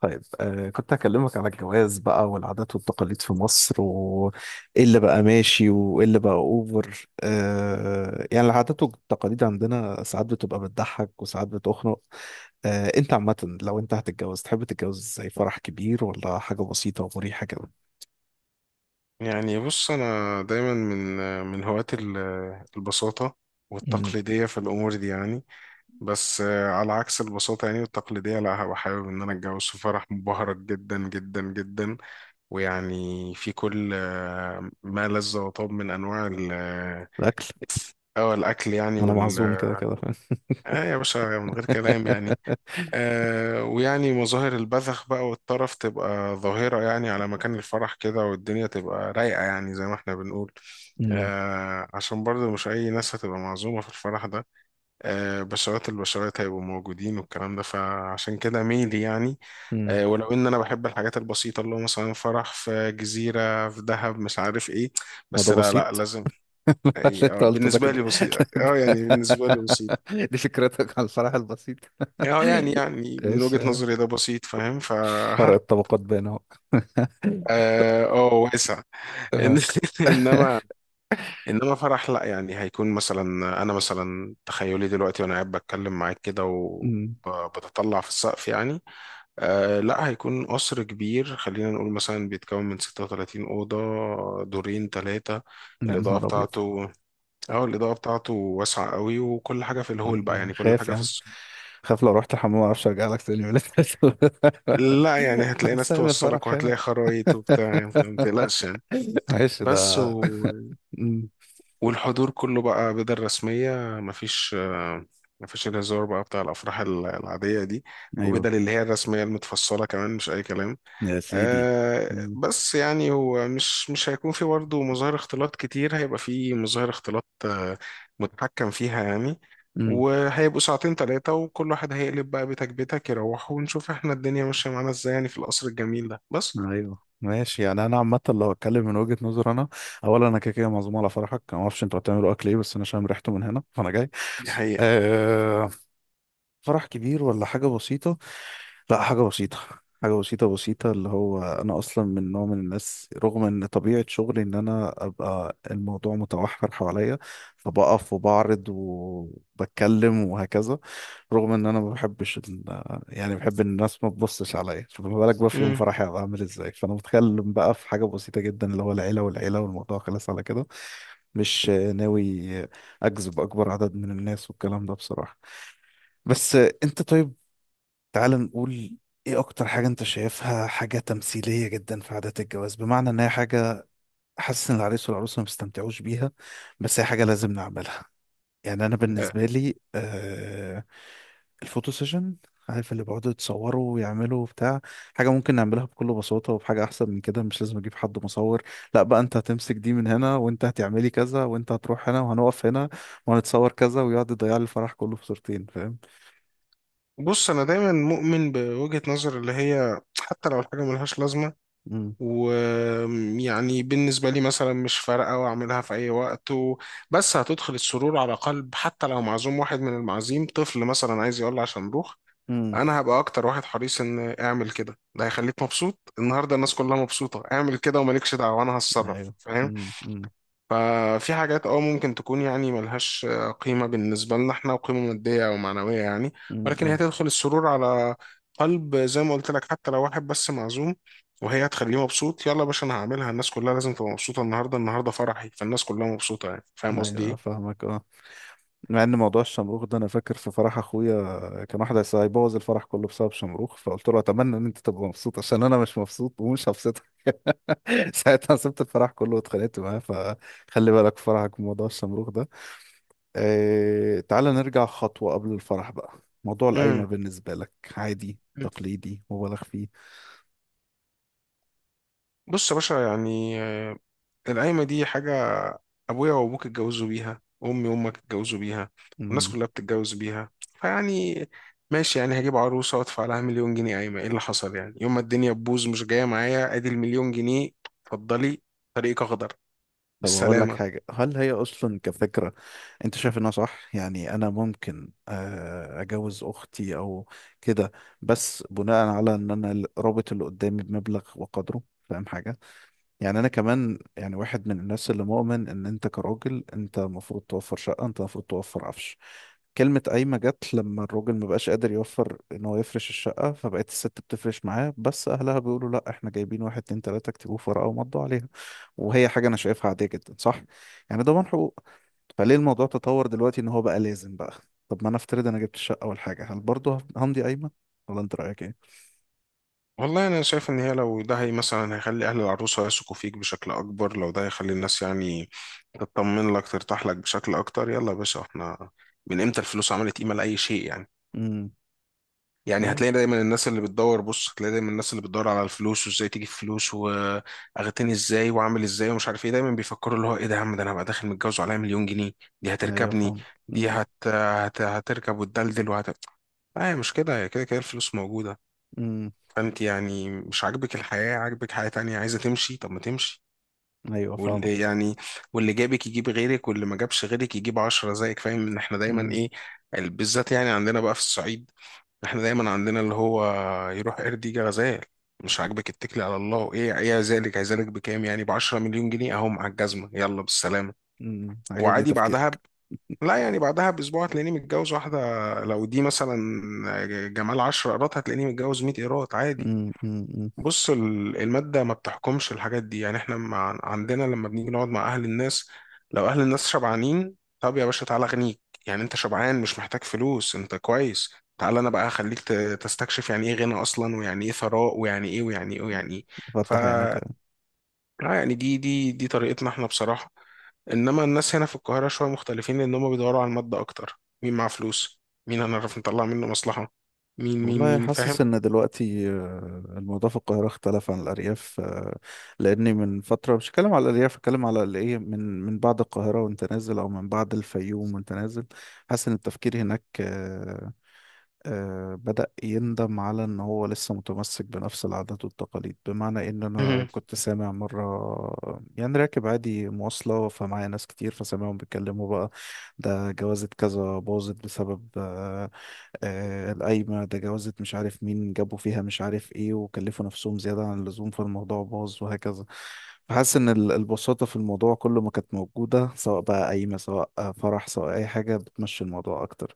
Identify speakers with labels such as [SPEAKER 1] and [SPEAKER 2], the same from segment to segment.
[SPEAKER 1] طيب كنت هكلمك على الجواز بقى والعادات والتقاليد في مصر، وإيه اللي بقى ماشي وإيه اللي بقى أوفر. يعني العادات والتقاليد عندنا ساعات بتبقى بتضحك وساعات بتخنق. أنت عامة لو أنت هتتجوز تحب تتجوز زي فرح كبير، ولا حاجة بسيطة ومريحة كده؟
[SPEAKER 2] يعني بص انا دايما من هواة البساطه
[SPEAKER 1] أمم.
[SPEAKER 2] والتقليديه في الامور دي يعني. بس على عكس البساطه يعني والتقليديه، لا، هبقى حابب ان انا اتجوز في فرح مبهرج جدا جدا جدا، ويعني في كل ما لذ وطاب من انواع
[SPEAKER 1] الأكل.
[SPEAKER 2] الاكل يعني
[SPEAKER 1] أنا
[SPEAKER 2] وال
[SPEAKER 1] معزوم كده كده فاهم.
[SPEAKER 2] اه يا باشا، من غير كلام يعني. ويعني مظاهر البذخ بقى والطرف تبقى ظاهرة يعني على مكان الفرح كده، والدنيا تبقى رايقة يعني زي ما احنا بنقول.
[SPEAKER 1] أمم.
[SPEAKER 2] عشان برضه مش أي ناس هتبقى معزومة في الفرح ده، بشرات البشرات هيبقوا موجودين والكلام ده، فعشان كده ميلي يعني.
[SPEAKER 1] أمم.
[SPEAKER 2] ولو إن أنا بحب الحاجات البسيطة اللي هو مثلا فرح في جزيرة في دهب مش عارف إيه،
[SPEAKER 1] هو ده
[SPEAKER 2] بس لا لا
[SPEAKER 1] بسيط.
[SPEAKER 2] لازم
[SPEAKER 1] اللي
[SPEAKER 2] إيه.
[SPEAKER 1] أنت قلته ده
[SPEAKER 2] بالنسبة
[SPEAKER 1] كده.
[SPEAKER 2] لي بسيط يعني بالنسبة لي بسيط
[SPEAKER 1] دي فكرتك على الفرح البسيط.
[SPEAKER 2] اه يعني من
[SPEAKER 1] ايش
[SPEAKER 2] وجهة
[SPEAKER 1] آه،
[SPEAKER 2] نظري ده بسيط فاهم ف
[SPEAKER 1] فرق الطبقات بينهم.
[SPEAKER 2] واسع. إن-
[SPEAKER 1] آه.
[SPEAKER 2] انما انما فرح، لا، يعني هيكون مثلا انا مثلا تخيلي دلوقتي وانا قاعد بتكلم معاك كده و
[SPEAKER 1] أمم.
[SPEAKER 2] بتطلع في السقف يعني. لا، هيكون قصر كبير، خلينا نقول مثلا بيتكون من 36 أوضة، دورين ثلاثة.
[SPEAKER 1] يا
[SPEAKER 2] الإضاءة
[SPEAKER 1] نهار ابيض.
[SPEAKER 2] بتاعته اه الإضاءة بتاعته واسعة قوي، وكل حاجة في
[SPEAKER 1] أنا
[SPEAKER 2] الهول بقى
[SPEAKER 1] أنا
[SPEAKER 2] يعني كل
[SPEAKER 1] خايف
[SPEAKER 2] حاجة
[SPEAKER 1] يا
[SPEAKER 2] في
[SPEAKER 1] عم.
[SPEAKER 2] الس...
[SPEAKER 1] خايف لو رحت الحمام ما اعرفش ارجع لك تاني ولا.
[SPEAKER 2] لا يعني هتلاقي
[SPEAKER 1] انا
[SPEAKER 2] ناس
[SPEAKER 1] سايب
[SPEAKER 2] توصلك
[SPEAKER 1] الفرح
[SPEAKER 2] وهتلاقي
[SPEAKER 1] هنا.
[SPEAKER 2] خرايط وبتاع، ما تقلقش يعني.
[SPEAKER 1] ماشي
[SPEAKER 2] بس
[SPEAKER 1] ده.
[SPEAKER 2] و...
[SPEAKER 1] أمم.
[SPEAKER 2] والحضور كله بقى بدل رسمية، مفيش آه، مفيش الهزار بقى بتاع الأفراح العادية دي،
[SPEAKER 1] ايوه.
[SPEAKER 2] وبدل اللي هي الرسمية المتفصلة كمان مش أي كلام.
[SPEAKER 1] يا سيدي. أمم.
[SPEAKER 2] بس يعني هو مش هيكون في برضه مظاهر اختلاط كتير، هيبقى في مظاهر اختلاط متحكم فيها يعني.
[SPEAKER 1] أمم.
[SPEAKER 2] وهيبقوا ساعتين تلاتة وكل واحد هيقلب بقى، بيتك بيتك يروح، ونشوف احنا الدنيا ماشية معانا ازاي يعني في القصر الجميل ده بس.
[SPEAKER 1] ايوه ماشي. يعني انا عامه لو اتكلم من وجهه نظر انا، اولا انا كده كده معزوم على فرحك. أنا ما اعرفش انتوا هتعملوا اكل ايه، بس انا شامم ريحته من هنا فانا جاي.
[SPEAKER 2] دي حقيقة.
[SPEAKER 1] أه. فرح كبير ولا حاجة بسيطة؟ لا، حاجة بسيطة. حاجة بسيطة بسيطة، اللي هو أنا أصلا من نوع من الناس، رغم إن طبيعة شغلي إن أنا أبقى الموضوع متوحر حواليا، فبقف وبعرض وبتكلم وهكذا. رغم إن أنا ما بحبش يعني بحب إن الناس ما تبصش عليا، فما بالك بقى في يوم
[SPEAKER 2] مم.
[SPEAKER 1] فرحي هبقى عامل إزاي؟ فأنا متخيل بقى في حاجة بسيطة جدا، اللي هو العيلة والعيلة والموضوع خلص على كده. مش ناوي أجذب أكبر عدد من الناس والكلام ده بصراحة. بس انت طيب، تعال نقول ايه اكتر حاجة انت شايفها حاجة تمثيلية جدا في عادات الجواز، بمعنى ان هي حاجة حاسس ان العريس والعروسة ما بيستمتعوش بيها، بس هي حاجة لازم نعملها. يعني انا
[SPEAKER 2] آه،
[SPEAKER 1] بالنسبة لي الفوتو سيشن، عارف اللي بيقعدوا يتصوروا ويعملوا وبتاع. حاجة ممكن نعملها بكل بساطة وبحاجة أحسن من كده، مش لازم أجيب حد مصور، لا بقى أنت هتمسك دي من هنا وأنت هتعملي كذا وأنت هتروح هنا وهنقف هنا وهنتصور كذا، ويقعد يضيع لي الفرح كله في صورتين، فاهم؟
[SPEAKER 2] بص، انا دايما مؤمن بوجهة نظر اللي هي حتى لو الحاجه ملهاش لازمه ويعني بالنسبه لي مثلا مش فارقه، واعملها في اي وقت بس هتدخل السرور على قلب، حتى لو معزوم واحد من المعازيم طفل مثلا عايز يقول عشان نروح،
[SPEAKER 1] امم.
[SPEAKER 2] انا هبقى اكتر واحد حريص ان اعمل كده. ده هيخليك مبسوط النهارده، الناس كلها مبسوطه، اعمل كده ومالكش دعوه، انا هتصرف
[SPEAKER 1] ايوه.
[SPEAKER 2] فاهم.
[SPEAKER 1] امم.
[SPEAKER 2] ففي حاجات ممكن تكون يعني ملهاش قيمة بالنسبة لنا احنا، وقيمة مادية أو معنوية يعني.
[SPEAKER 1] امم.
[SPEAKER 2] ولكن هي
[SPEAKER 1] أمم.
[SPEAKER 2] تدخل السرور على قلب زي ما قلت لك حتى لو واحد بس معزوم، وهي هتخليه مبسوط. يلا يا باشا، أنا هعملها. الناس كلها لازم تبقى مبسوطة النهاردة. النهاردة فرحي، فالناس كلها مبسوطة يعني. فاهم
[SPEAKER 1] ايوه
[SPEAKER 2] قصدي
[SPEAKER 1] أنا
[SPEAKER 2] إيه؟
[SPEAKER 1] فاهمك اه. مع ان موضوع الشمروخ ده، انا فاكر في فرح اخويا كان واحد هيبوظ الفرح كله بسبب شمروخ، فقلت له اتمنى ان انت تبقى مبسوط عشان انا مش مبسوط ومش هبسطك. ساعتها سبت الفرح كله واتخانقت معاه، فخلي بالك في فرحك من موضوع الشمروخ ده. تعالى نرجع خطوة قبل الفرح بقى. موضوع القايمة
[SPEAKER 2] امم.
[SPEAKER 1] بالنسبة لك عادي، تقليدي، مبالغ فيه؟
[SPEAKER 2] بص يا باشا، يعني القايمة دي حاجة ابويا وابوك اتجوزوا بيها، وامي وامك اتجوزوا بيها، والناس
[SPEAKER 1] إمم.
[SPEAKER 2] كلها بتتجوز بيها، فيعني ماشي. يعني هجيب عروسه وادفع لها مليون جنيه قايمه، ايه اللي حصل يعني؟ يوم ما الدنيا تبوظ مش جايه معايا، ادي المليون جنيه اتفضلي، طريقك اخضر،
[SPEAKER 1] طب أقول لك
[SPEAKER 2] بالسلامه.
[SPEAKER 1] حاجة، هل هي أصلا كفكرة أنت شايف إنها صح؟ يعني أنا ممكن أجوز أختي أو كده، بس بناء على إن أنا رابط اللي قدامي بمبلغ وقدره، فاهم حاجة؟ يعني أنا كمان يعني واحد من الناس اللي مؤمن إن أنت كراجل أنت المفروض توفر شقة، أنت المفروض توفر عفش. كلمة قايمة جت لما الراجل مبقاش قادر يوفر إن هو يفرش الشقة، فبقت الست بتفرش معاه، بس أهلها بيقولوا لأ إحنا جايبين واحد اتنين تلاتة اكتبوه في ورقة ومضوا عليها. وهي حاجة أنا شايفها عادية جدا، صح؟ يعني ضمان حقوق. فليه الموضوع تطور دلوقتي إن هو بقى لازم بقى؟ طب ما أنا أفترض أنا جبت الشقة أول حاجة، هل برضه همضي قايمة؟ ولا أنت رأيك إيه؟
[SPEAKER 2] والله انا شايف ان هي لو ده هي مثلا هيخلي اهل العروسه يثقوا فيك بشكل اكبر، لو ده هيخلي الناس يعني تطمن لك، ترتاح لك بشكل اكتر، يلا يا باشا. احنا من امتى الفلوس عملت قيمه لاي شيء يعني؟
[SPEAKER 1] امم.
[SPEAKER 2] يعني هتلاقي
[SPEAKER 1] يس.
[SPEAKER 2] دايما الناس اللي بتدور، بص، هتلاقي دايما الناس اللي بتدور على الفلوس، وازاي تجيب فلوس واغتني ازاي واعمل ازاي ومش عارف ايه. دايما بيفكروا اللي هو ايه ده يا عم، ده انا هبقى داخل متجوز وعليا مليون جنيه. دي
[SPEAKER 1] أيوه
[SPEAKER 2] هتركبني.
[SPEAKER 1] فاهم.
[SPEAKER 2] دي
[SPEAKER 1] امم
[SPEAKER 2] هت... هت... هتركب وتدلدل لا، هي مش كده، هي كده كده الفلوس موجودة.
[SPEAKER 1] امم.
[SPEAKER 2] فانت يعني مش عاجبك الحياة، عاجبك حياة تانية، عايزة تمشي طب ما تمشي.
[SPEAKER 1] أيوه
[SPEAKER 2] واللي
[SPEAKER 1] فاهمك.
[SPEAKER 2] يعني واللي جابك يجيب غيرك، واللي ما جابش غيرك يجيب عشرة زيك. فاهم ان احنا دايما
[SPEAKER 1] امم
[SPEAKER 2] ايه بالذات يعني عندنا بقى في الصعيد. احنا دايما عندنا اللي هو يروح قرد يجي غزال. مش عاجبك، اتكلي على الله. ايه ذلك هيذلك بكام؟ يعني ب 10 مليون جنيه اهو مع الجزمه، يلا بالسلامه.
[SPEAKER 1] امم، عجبني
[SPEAKER 2] وعادي
[SPEAKER 1] تفكيرك.
[SPEAKER 2] لا يعني بعدها باسبوع هتلاقيني متجوز واحده، لو دي مثلا جمال 10 قيراط هتلاقيني متجوز 100 قيراط عادي.
[SPEAKER 1] امم.
[SPEAKER 2] بص المادة ما بتحكمش الحاجات دي يعني. احنا عندنا لما بنيجي نقعد مع أهل الناس، لو أهل الناس شبعانين، طب يا باشا تعالى أغنيك. يعني أنت شبعان مش محتاج فلوس، أنت كويس، تعالى أنا بقى أخليك تستكشف يعني إيه غنى أصلا، ويعني إيه ثراء، ويعني إيه ويعني إيه ويعني إيه. ف
[SPEAKER 1] فتح
[SPEAKER 2] آه
[SPEAKER 1] عينك.
[SPEAKER 2] يعني دي طريقتنا احنا بصراحة. إنما الناس هنا في القاهرة شوية مختلفين لأن هم بيدوروا على المادة أكتر، مين معاه فلوس، مين هنعرف نطلع منه مصلحة، مين مين
[SPEAKER 1] والله
[SPEAKER 2] مين، فاهم؟
[SPEAKER 1] حاسس ان دلوقتي الموضوع في القاهره اختلف عن الارياف. لاني من فتره مش هتكلم على الارياف، هتكلم على الايه، من بعد القاهره وانت نازل، او من بعد الفيوم وانت نازل. حاسس ان التفكير هناك بدأ يندم على إن هو لسه متمسك بنفس العادات والتقاليد، بمعنى إن أنا
[SPEAKER 2] مهم.
[SPEAKER 1] كنت سامع مرة، يعني راكب عادي مواصلة فمعايا ناس كتير، فسامعهم بيتكلموا بقى ده جوازة كذا باظت بسبب القايمة، ده جوازة مش عارف مين جابوا فيها مش عارف إيه وكلفوا نفسهم زيادة عن اللزوم فالموضوع باظ وهكذا. فحاسس إن البساطة في الموضوع كله ما كانت موجودة، سواء بقى قايمة سواء فرح سواء أي حاجة، بتمشي الموضوع أكتر.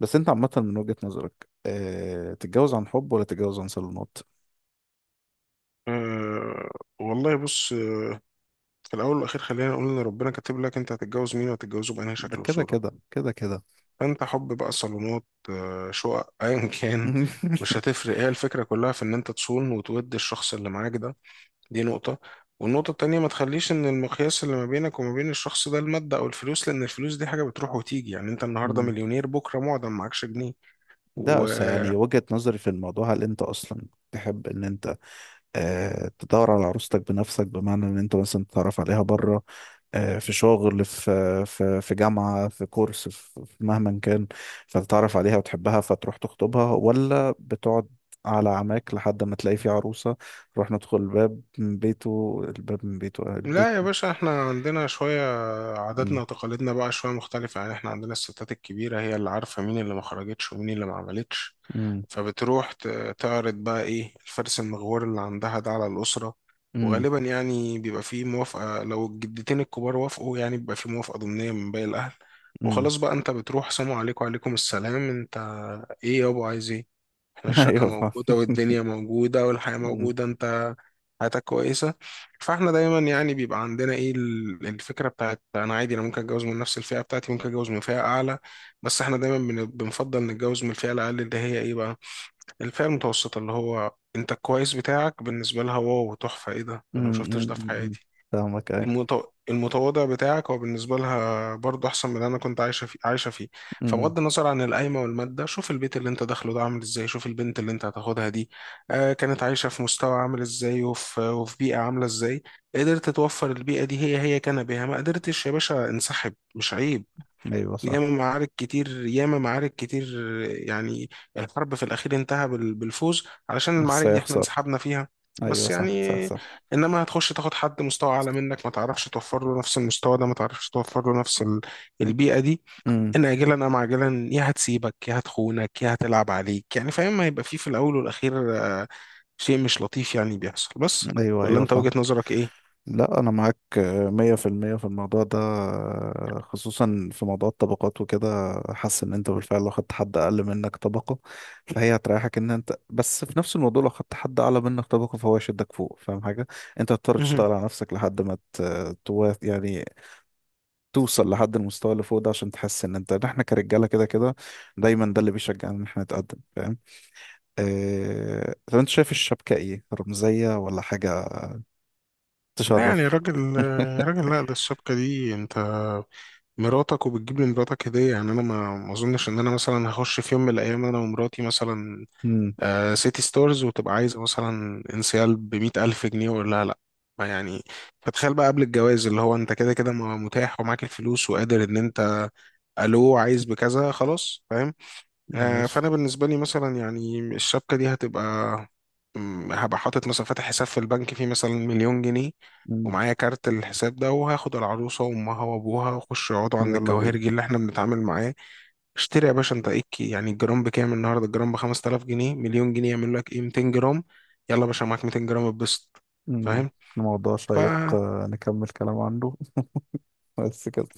[SPEAKER 1] بس انت عامة من وجهة نظرك، تتجوز عن حب ولا تتجوز عن صالونات؟
[SPEAKER 2] آه، والله بص، في الأول والأخير خلينا نقول إن ربنا كاتب لك أنت هتتجوز مين، وهتتجوزه بأنهي
[SPEAKER 1] ده
[SPEAKER 2] شكل
[SPEAKER 1] كده
[SPEAKER 2] وصورة.
[SPEAKER 1] كده كده كده.
[SPEAKER 2] فأنت حب بقى، صالونات، شقق أيا كان، مش هتفرق. هي الفكرة كلها في إن أنت تصون وتود الشخص اللي معاك ده. دي نقطة. والنقطة التانية، ما تخليش إن المقياس اللي ما بينك وما بين الشخص ده المادة أو الفلوس، لأن الفلوس دي حاجة بتروح وتيجي، يعني أنت النهاردة
[SPEAKER 1] مم.
[SPEAKER 2] مليونير بكرة معدم معكش جنيه
[SPEAKER 1] ده بس
[SPEAKER 2] ولا.
[SPEAKER 1] يعني وجهة نظري في الموضوع. هل انت اصلا تحب ان انت اه تدور على عروستك بنفسك، بمعنى ان انت مثلا تتعرف عليها بره، اه في شغل، في جامعة، في كورس، في مهما كان، فتتعرف عليها وتحبها فتروح تخطبها؟ ولا بتقعد على عماك لحد ما تلاقي في عروسة، نروح ندخل الباب من بيته، الباب من بيته البيت؟
[SPEAKER 2] يا باشا، احنا عندنا شوية عاداتنا
[SPEAKER 1] مم.
[SPEAKER 2] وتقاليدنا بقى شوية مختلفة يعني. احنا عندنا الستات الكبيرة هي اللي عارفة مين اللي ما خرجتش ومين اللي ما عملتش،
[SPEAKER 1] مم.
[SPEAKER 2] فبتروح تعرض بقى ايه الفرس المغوار اللي عندها ده على الأسرة.
[SPEAKER 1] مم.
[SPEAKER 2] وغالبا يعني بيبقى فيه موافقة، لو الجدتين الكبار وافقوا يعني بيبقى فيه موافقة ضمنية من باقي الأهل.
[SPEAKER 1] مم.
[SPEAKER 2] وخلاص بقى انت بتروح، سلام عليكم وعليكم السلام. انت ايه يابا عايز ايه؟ احنا الشقة
[SPEAKER 1] ايوه فاهم.
[SPEAKER 2] موجودة والدنيا موجودة والحياة
[SPEAKER 1] مم.
[SPEAKER 2] موجودة، انت حياتك كويسة. فاحنا دايما يعني بيبقى عندنا ايه الفكرة بتاعت، انا عادي، انا ممكن اتجوز من نفس الفئة بتاعتي، ممكن اتجوز من فئة اعلى. بس احنا دايما بنفضل نتجوز من الفئة الاقل اللي هي ايه بقى، الفئة المتوسطة، اللي هو انت الكويس بتاعك بالنسبة لها واو تحفة، ايه ده، انا
[SPEAKER 1] مم.
[SPEAKER 2] مشفتش
[SPEAKER 1] مم.
[SPEAKER 2] ده في
[SPEAKER 1] مم.
[SPEAKER 2] حياتي.
[SPEAKER 1] فاهمك ايوه.
[SPEAKER 2] المتو... المتواضع بتاعك هو بالنسبة لها برضه أحسن من اللي أنا كنت عايشة فيه، عايشة فيه.
[SPEAKER 1] مم.
[SPEAKER 2] فبغض النظر عن القايمة والمادة، شوف البيت اللي أنت داخله ده عامل إزاي، شوف البنت اللي أنت هتاخدها دي كانت عايشة في مستوى عامل إزاي، وفي بيئة عاملة إزاي. قدرت توفر البيئة دي هي كان بها، ما قدرتش يا باشا، انسحب، مش عيب.
[SPEAKER 1] ايوه صح.
[SPEAKER 2] ياما معارك كتير ياما معارك كتير يعني، الحرب في الأخير انتهى بالفوز، علشان
[SPEAKER 1] بس
[SPEAKER 2] المعارك دي احنا
[SPEAKER 1] هيخسر.
[SPEAKER 2] انسحبنا فيها.
[SPEAKER 1] ايوه
[SPEAKER 2] بس يعني
[SPEAKER 1] صح صح صح.
[SPEAKER 2] انما هتخش تاخد حد مستوى اعلى منك، ما تعرفش توفر له نفس المستوى ده، ما تعرفش توفر له نفس البيئة دي،
[SPEAKER 1] مم.
[SPEAKER 2] ان اجلا ام عاجلا، يا هتسيبك يا هتخونك يا هتلعب عليك يعني. فاهم، هيبقى فيه في الاول والاخير شيء مش لطيف يعني بيحصل بس.
[SPEAKER 1] ايوه
[SPEAKER 2] ولا
[SPEAKER 1] ايوه
[SPEAKER 2] انت
[SPEAKER 1] فاهم.
[SPEAKER 2] وجهة نظرك ايه؟
[SPEAKER 1] لا انا معاك مية في المية في الموضوع ده، خصوصا في موضوع الطبقات وكده. حاسس ان انت بالفعل لو خدت حد اقل منك طبقة فهي هتريحك، ان انت بس في نفس الموضوع لو خدت حد اعلى منك طبقة فهو يشدك فوق، فاهم حاجة؟ انت هتضطر تشتغل على نفسك لحد ما يعني توصل لحد المستوى اللي فوق ده، عشان تحس ان انت إن احنا كرجاله كده كده دايما، ده اللي بيشجعنا ان احنا نتقدم، فاهم. اه... طب انت شايف الشبكه ايه، رمزيه ولا حاجه
[SPEAKER 2] يعني
[SPEAKER 1] تشرف؟
[SPEAKER 2] راجل راجل، لا، ده الشبكة دي انت مراتك، وبتجيب لمراتك هدية يعني. انا ما اظنش ان انا مثلا هخش في يوم من الايام انا ومراتي مثلا
[SPEAKER 1] امم.
[SPEAKER 2] سيتي ستورز وتبقى عايزة مثلا انسيال بمئة الف جنيه، ولا لا، ما يعني. فتخيل بقى قبل الجواز اللي هو انت كده كده ما متاح، ومعاك الفلوس وقادر ان انت الو عايز بكذا خلاص، فاهم.
[SPEAKER 1] ماشي.
[SPEAKER 2] فانا بالنسبه لي مثلا يعني الشبكه دي هتبقى، هبقى حاطط مثلا فاتح حساب في البنك فيه مثلا مليون جنيه،
[SPEAKER 1] امم.
[SPEAKER 2] ومعايا كارت الحساب ده، وهاخد العروسه وامها وابوها واخش يقعدوا عند
[SPEAKER 1] ويلا بينا.
[SPEAKER 2] الجواهرجي اللي احنا بنتعامل معاه، اشتري يا باشا. انت ايه يعني الجرام بكام النهارده؟ الجرام ب 5000 جنيه، مليون جنيه يعمل لك ايه؟ 200 جرام. يلا يا باشا، معاك 200 جرام، اتبسط،
[SPEAKER 1] امم. الموضوع شيق،
[SPEAKER 2] فاهم.
[SPEAKER 1] نكمل كلام عنه. بس كده.